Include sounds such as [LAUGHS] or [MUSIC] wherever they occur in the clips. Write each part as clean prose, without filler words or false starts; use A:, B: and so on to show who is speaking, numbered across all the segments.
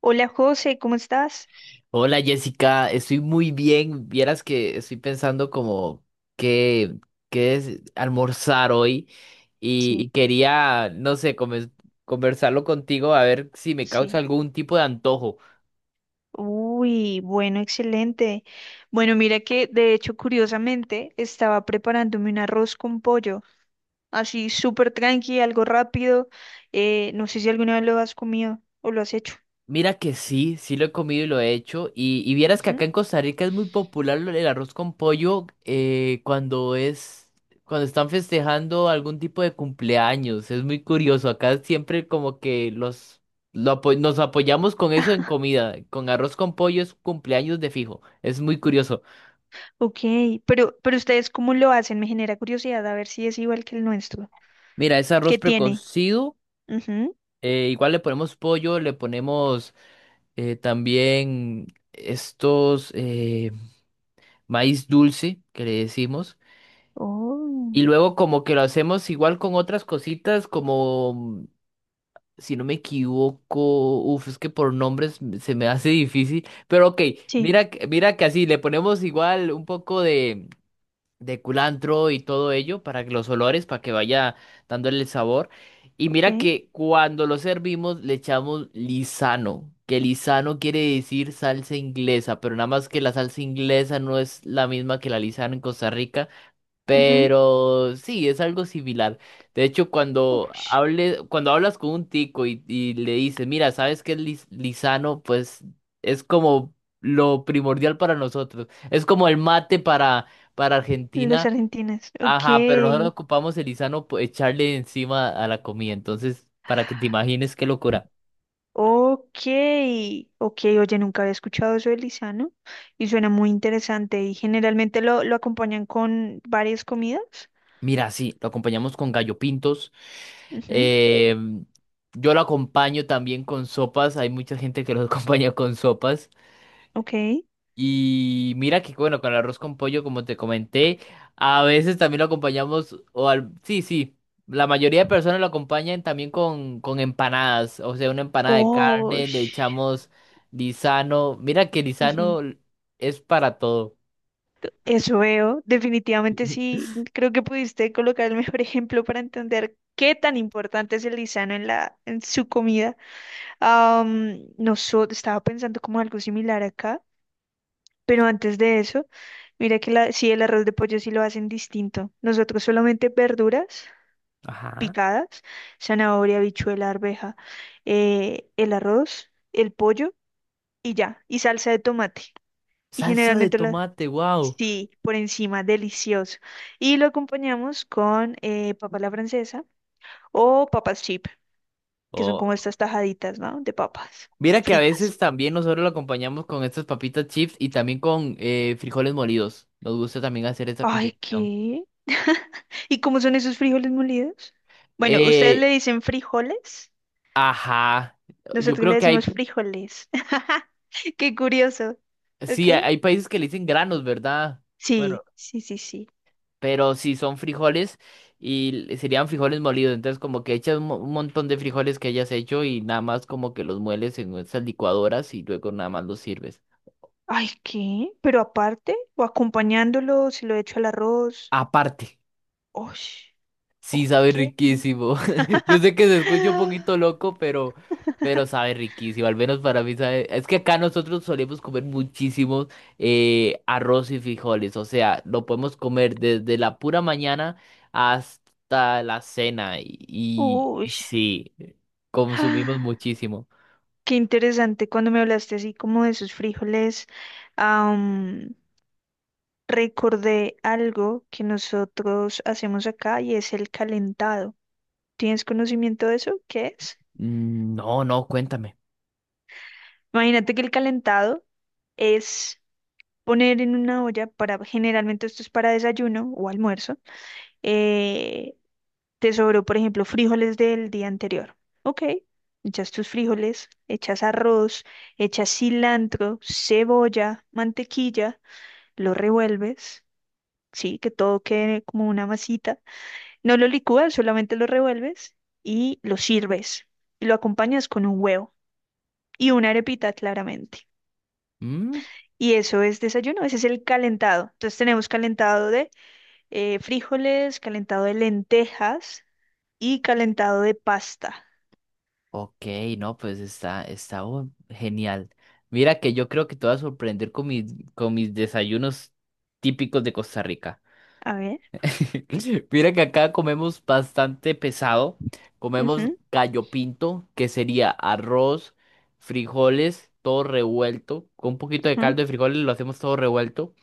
A: Hola José, ¿cómo estás?
B: Hola Jessica, estoy muy bien. Vieras que estoy pensando como qué, qué es almorzar hoy y,
A: Sí,
B: y quería, no sé, conversarlo contigo a ver si me causa
A: sí.
B: algún tipo de antojo.
A: Uy, bueno, excelente. Bueno, mira que de hecho, curiosamente, estaba preparándome un arroz con pollo, así súper tranqui, algo rápido. No sé si alguna vez lo has comido o lo has hecho.
B: Mira que sí, sí lo he comido y lo he hecho. Y vieras que acá
A: Ujú.
B: en Costa Rica es muy popular el arroz con pollo cuando es, cuando están festejando algún tipo de cumpleaños. Es muy curioso. Acá siempre como que nos apoyamos con eso en comida. Con arroz con pollo es cumpleaños de fijo. Es muy curioso.
A: Ok, pero ustedes cómo lo hacen, me genera curiosidad a ver si es igual que el nuestro.
B: Mira, es arroz
A: ¿Qué tiene?
B: precocido.
A: Ujú.
B: Igual le ponemos pollo, le ponemos también estos maíz dulce que le decimos. Y
A: Oh,
B: luego como que lo hacemos igual con otras cositas, como, si no me equivoco, uf, es que por nombres se me hace difícil, pero ok,
A: sí,
B: mira, mira que así, le ponemos igual un poco de culantro y todo ello para que los olores, para que vaya dándole el sabor. Y mira
A: ok.
B: que cuando lo servimos le echamos lisano, que lisano quiere decir salsa inglesa, pero nada más que la salsa inglesa no es la misma que la lisano en Costa Rica.
A: Ujú.
B: Pero sí, es algo similar. De hecho,
A: Ush,
B: cuando hablas con un tico y le dices, mira, ¿sabes qué es lisano? Pues es como lo primordial para nosotros. Es como el mate para
A: los
B: Argentina.
A: argentinos,
B: Ajá, pero nosotros
A: ok.
B: ocupamos el lisano, pues, echarle encima a la comida. Entonces, para que te imagines qué locura.
A: Ok, ok, oye, nunca había escuchado eso del lisano y suena muy interesante y generalmente lo acompañan con varias comidas.
B: Mira, sí, lo acompañamos con gallo pintos.
A: Ujú.
B: Eh, yo lo acompaño también con sopas. Hay mucha gente que lo [LAUGHS] acompaña con sopas.
A: Ok,
B: Y mira que bueno, con el arroz con pollo, como te comenté, a veces también lo acompañamos, sí, sí, la mayoría de personas lo acompañan también con empanadas, o sea, una empanada de
A: oh,
B: carne, le
A: sh-
B: echamos lisano, mira que
A: ujú.
B: lisano es para todo.
A: Eso veo, definitivamente
B: [LAUGHS]
A: sí, creo que pudiste colocar el mejor [LAUGHS] ejemplo para entender qué tan importante es el lisano en en su comida. No so- Estaba pensando como algo similar acá. Pero antes de eso, mira que el arroz de pollo sí lo hacen distinto. Nosotros solamente verduras
B: Ajá.
A: picadas, zanahoria, habichuela, arveja, el arroz, el pollo y ya, y salsa de tomate. Y
B: Salsa de
A: generalmente
B: tomate, wow.
A: por encima, delicioso. Y lo acompañamos con papa a la francesa o papas chip, que son
B: O
A: como estas tajaditas, ¿no? De papas
B: mira que a
A: fritas.
B: veces también nosotros lo acompañamos con estas papitas chips y también con frijoles molidos. Nos gusta también hacer esa
A: Ay,
B: combinación.
A: ¿qué? [LAUGHS] ¿Y cómo son esos frijoles molidos? Bueno, ustedes le
B: Eh,
A: dicen frijoles,
B: Ajá, yo
A: nosotros
B: creo
A: le
B: que
A: decimos
B: hay,
A: frijoles. [LAUGHS] Qué curioso. ¿Ok?
B: sí, hay países que le dicen granos, ¿verdad? Bueno,
A: Sí, sí, sí, sí.
B: pero si son frijoles y serían frijoles molidos, entonces como que echas un un montón de frijoles que hayas hecho y nada más como que los mueles en esas licuadoras y luego nada más los sirves.
A: Ay, ¿qué? Pero aparte, o acompañándolo, si lo echo al arroz.
B: Aparte.
A: Ush,
B: Sí, sabe
A: ok.
B: riquísimo. [LAUGHS] Yo sé que
A: [LAUGHS]
B: se escucha un poquito loco, pero sabe riquísimo. Al menos para mí sabe. Es que acá nosotros solemos comer muchísimo arroz y frijoles. O sea, lo podemos comer desde la pura mañana hasta la cena. Y, y
A: Ush.
B: sí, consumimos
A: [GASPS]
B: muchísimo.
A: Qué interesante cuando me hablaste así como de sus frijoles. am, Recordé algo que nosotros hacemos acá y es el calentado. ¿Tienes conocimiento de eso? ¿Qué es?
B: No, no, cuéntame.
A: Imagínate que el calentado es poner en una olla para, generalmente esto es para desayuno o almuerzo. eh, Te sobró, por ejemplo, frijoles del día anterior. Ok, echas tus frijoles, echas arroz, echas cilantro, cebolla, mantequilla, lo revuelves, sí, que todo quede como una masita. No lo licúas, solamente lo revuelves y lo sirves. Y lo acompañas con un huevo y una arepita, claramente.
B: Mm.
A: Y eso es desayuno, ese es el calentado. Entonces tenemos calentado de frijoles, calentado de lentejas y calentado de pasta.
B: Ok, no, pues está, genial. Mira que yo creo que te vas a sorprender con mis desayunos típicos de Costa Rica.
A: A ver.
B: [LAUGHS] Mira que acá comemos bastante pesado. Comemos
A: Ujú,
B: gallo pinto, que sería arroz, frijoles, todo revuelto. Con un poquito de
A: ujú.
B: caldo de frijoles lo hacemos todo revuelto.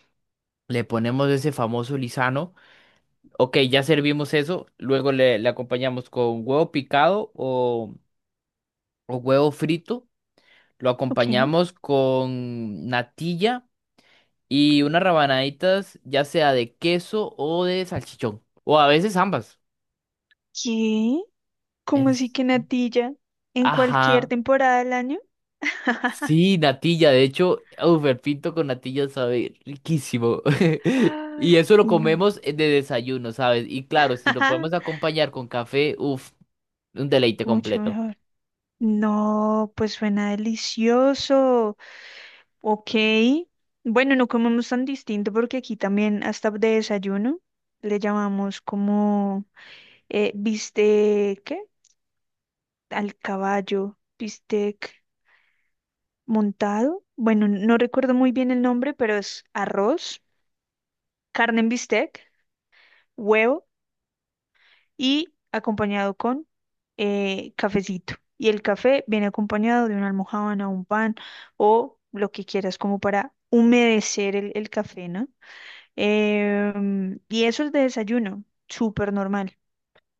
B: Le ponemos ese famoso lisano. Ok, ya servimos eso. Luego le acompañamos con huevo picado o huevo frito. Lo
A: Ok.
B: acompañamos con natilla y unas rabanaditas, ya sea de queso o de salchichón. O a veces ambas.
A: ¿Qué? ¿Cómo así
B: Es...
A: que natilla? ¿En cualquier
B: Ajá.
A: temporada del año? [LAUGHS]
B: Sí, natilla. De hecho, uf, el pinto con natilla sabe riquísimo. [LAUGHS]
A: Ah,
B: Y eso lo
A: no.
B: comemos de desayuno, ¿sabes? Y claro, si lo podemos
A: [LAUGHS]
B: acompañar con café, uff, un deleite
A: Mucho
B: completo.
A: mejor. No, pues suena delicioso. Ok. Bueno, no comemos tan distinto porque aquí también hasta de desayuno le llamamos como bistec, ¿qué? Al caballo, bistec montado. Bueno, no recuerdo muy bien el nombre, pero es arroz, carne en bistec, huevo. Y acompañado con cafecito. Y el café viene acompañado de una almojábana, un pan o lo que quieras como para humedecer el café, ¿no? Y eso es de desayuno, súper normal,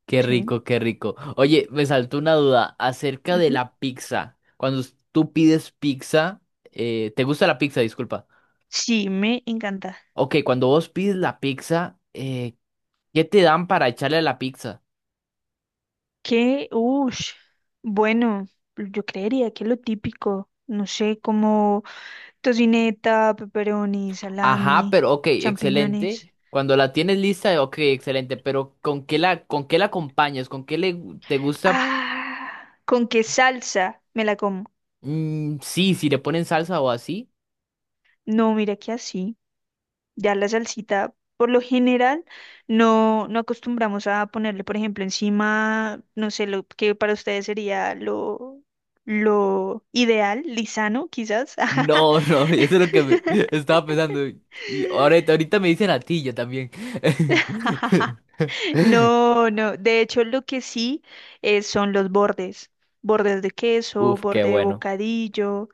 B: Qué
A: ¿sí?
B: rico, qué rico. Oye, me saltó una duda acerca de
A: Ujú.
B: la pizza. Cuando tú pides pizza, ¿te gusta la pizza? Disculpa.
A: Sí, me encanta.
B: Ok, cuando vos pides la pizza, ¿qué te dan para echarle a la pizza?
A: Que, uff, bueno, yo creería que lo típico, no sé, como tocineta, pepperoni,
B: Ajá,
A: salami,
B: pero ok,
A: champiñones.
B: excelente. Cuando la tienes lista, ok, excelente. Pero con qué la acompañas? ¿Con qué le, te gusta?
A: Ah, ¿con qué salsa me la como?
B: Mm, sí, si le ponen salsa o así.
A: No, mira que así, ya la salsita, por lo general, no, no acostumbramos a ponerle, por ejemplo, encima, no sé, lo que para ustedes sería lo ideal, lisano, quizás.
B: No, no, [LAUGHS] eso es lo
A: [LAUGHS]
B: que me estaba pensando. Y ahorita, ahorita me dicen yo también.
A: [LAUGHS]
B: [LAUGHS]
A: No, no, de hecho lo que sí son los bordes, bordes de queso,
B: Uf, qué
A: borde de
B: bueno.
A: bocadillo.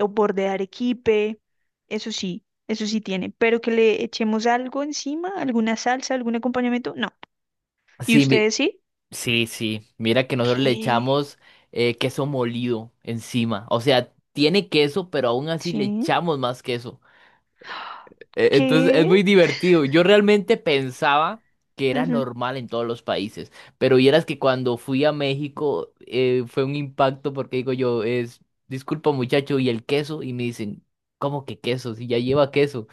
A: O borde de arequipe, eso sí tiene, pero que le echemos algo encima, alguna salsa, algún acompañamiento, no. ¿Y
B: Sí, mi-
A: ustedes sí?
B: sí, sí. Mira que nosotros le
A: ¿Qué?
B: echamos queso molido encima. O sea, tiene queso, pero aún así le
A: Sí.
B: echamos más queso. Entonces es
A: ¿Qué?
B: muy divertido. Yo realmente pensaba que era
A: Ujú.
B: normal en todos los países, pero vieras que cuando fui a México fue un impacto porque digo yo, es, disculpa muchacho, ¿y el queso? Y me dicen, ¿cómo que queso? Si ya lleva queso.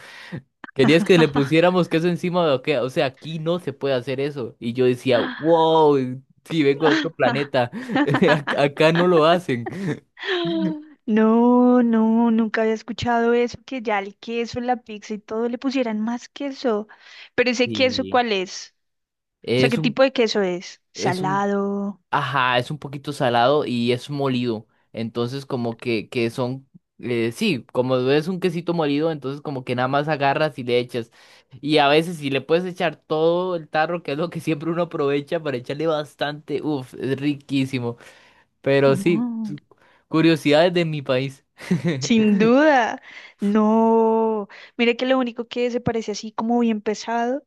B: ¿Querías que le
A: [LAUGHS]
B: pusiéramos queso encima de o qué? O sea, aquí no se puede hacer eso. Y yo decía, wow, si vengo de otro planeta, [LAUGHS] acá no lo hacen.
A: No, no, nunca había escuchado eso, que ya el queso, la pizza y todo le pusieran más queso. Pero ese queso,
B: Sí
A: ¿cuál es? O sea, ¿qué
B: es un,
A: tipo de queso es?
B: es un
A: Salado.
B: Ajá, es un poquito salado y es molido. Entonces, como que son, sí, como es un quesito molido, entonces como que nada más agarras y le echas. Y a veces si le puedes echar todo el tarro, que es lo que siempre uno aprovecha para echarle bastante, uff, es riquísimo. Pero sí,
A: No.
B: curiosidades de mi país. [LAUGHS]
A: Sin duda, no. Mira que lo único que se parece así como bien pesado,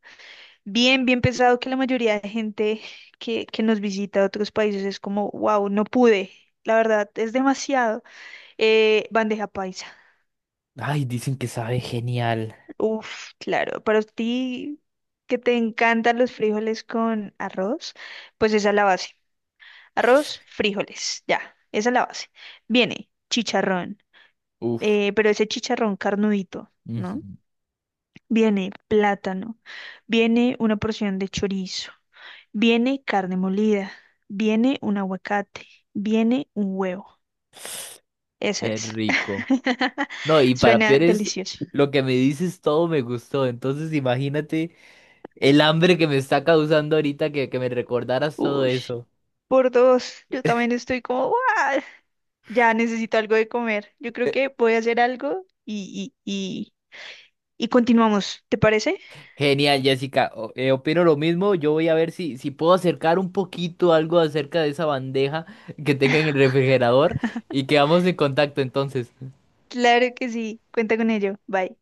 A: bien pesado que la mayoría de gente que nos visita de otros países es como, wow, no pude. La verdad, es demasiado. Bandeja paisa.
B: Ay, dicen que sabe genial.
A: Uf, claro. Para ti que te encantan los frijoles con arroz, pues esa es la base. Arroz, frijoles, ya, esa es la base. Viene chicharrón,
B: Uff,
A: pero ese chicharrón carnudito.
B: ujú,
A: ¿No? Viene plátano, viene una porción de chorizo, viene carne molida, viene un aguacate, viene un huevo. Eso
B: qué
A: es.
B: rico.
A: [LAUGHS]
B: No, y para
A: Suena
B: peores,
A: delicioso.
B: lo que me dices todo me gustó. Entonces, imagínate. El hambre que me está causando ahorita que me recordaras todo
A: Uy,
B: eso.
A: por dos. Yo también estoy como, ¡guau! Ya necesito algo de comer. Yo creo que voy a hacer algo y continuamos. ¿Te parece?
B: Genial, Jessica. Opino lo mismo. Yo voy a ver si, si puedo acercar un poquito algo acerca de esa bandeja que tenga en el refrigerador y quedamos en contacto entonces.
A: Claro que sí. Cuenta con ello. Bye.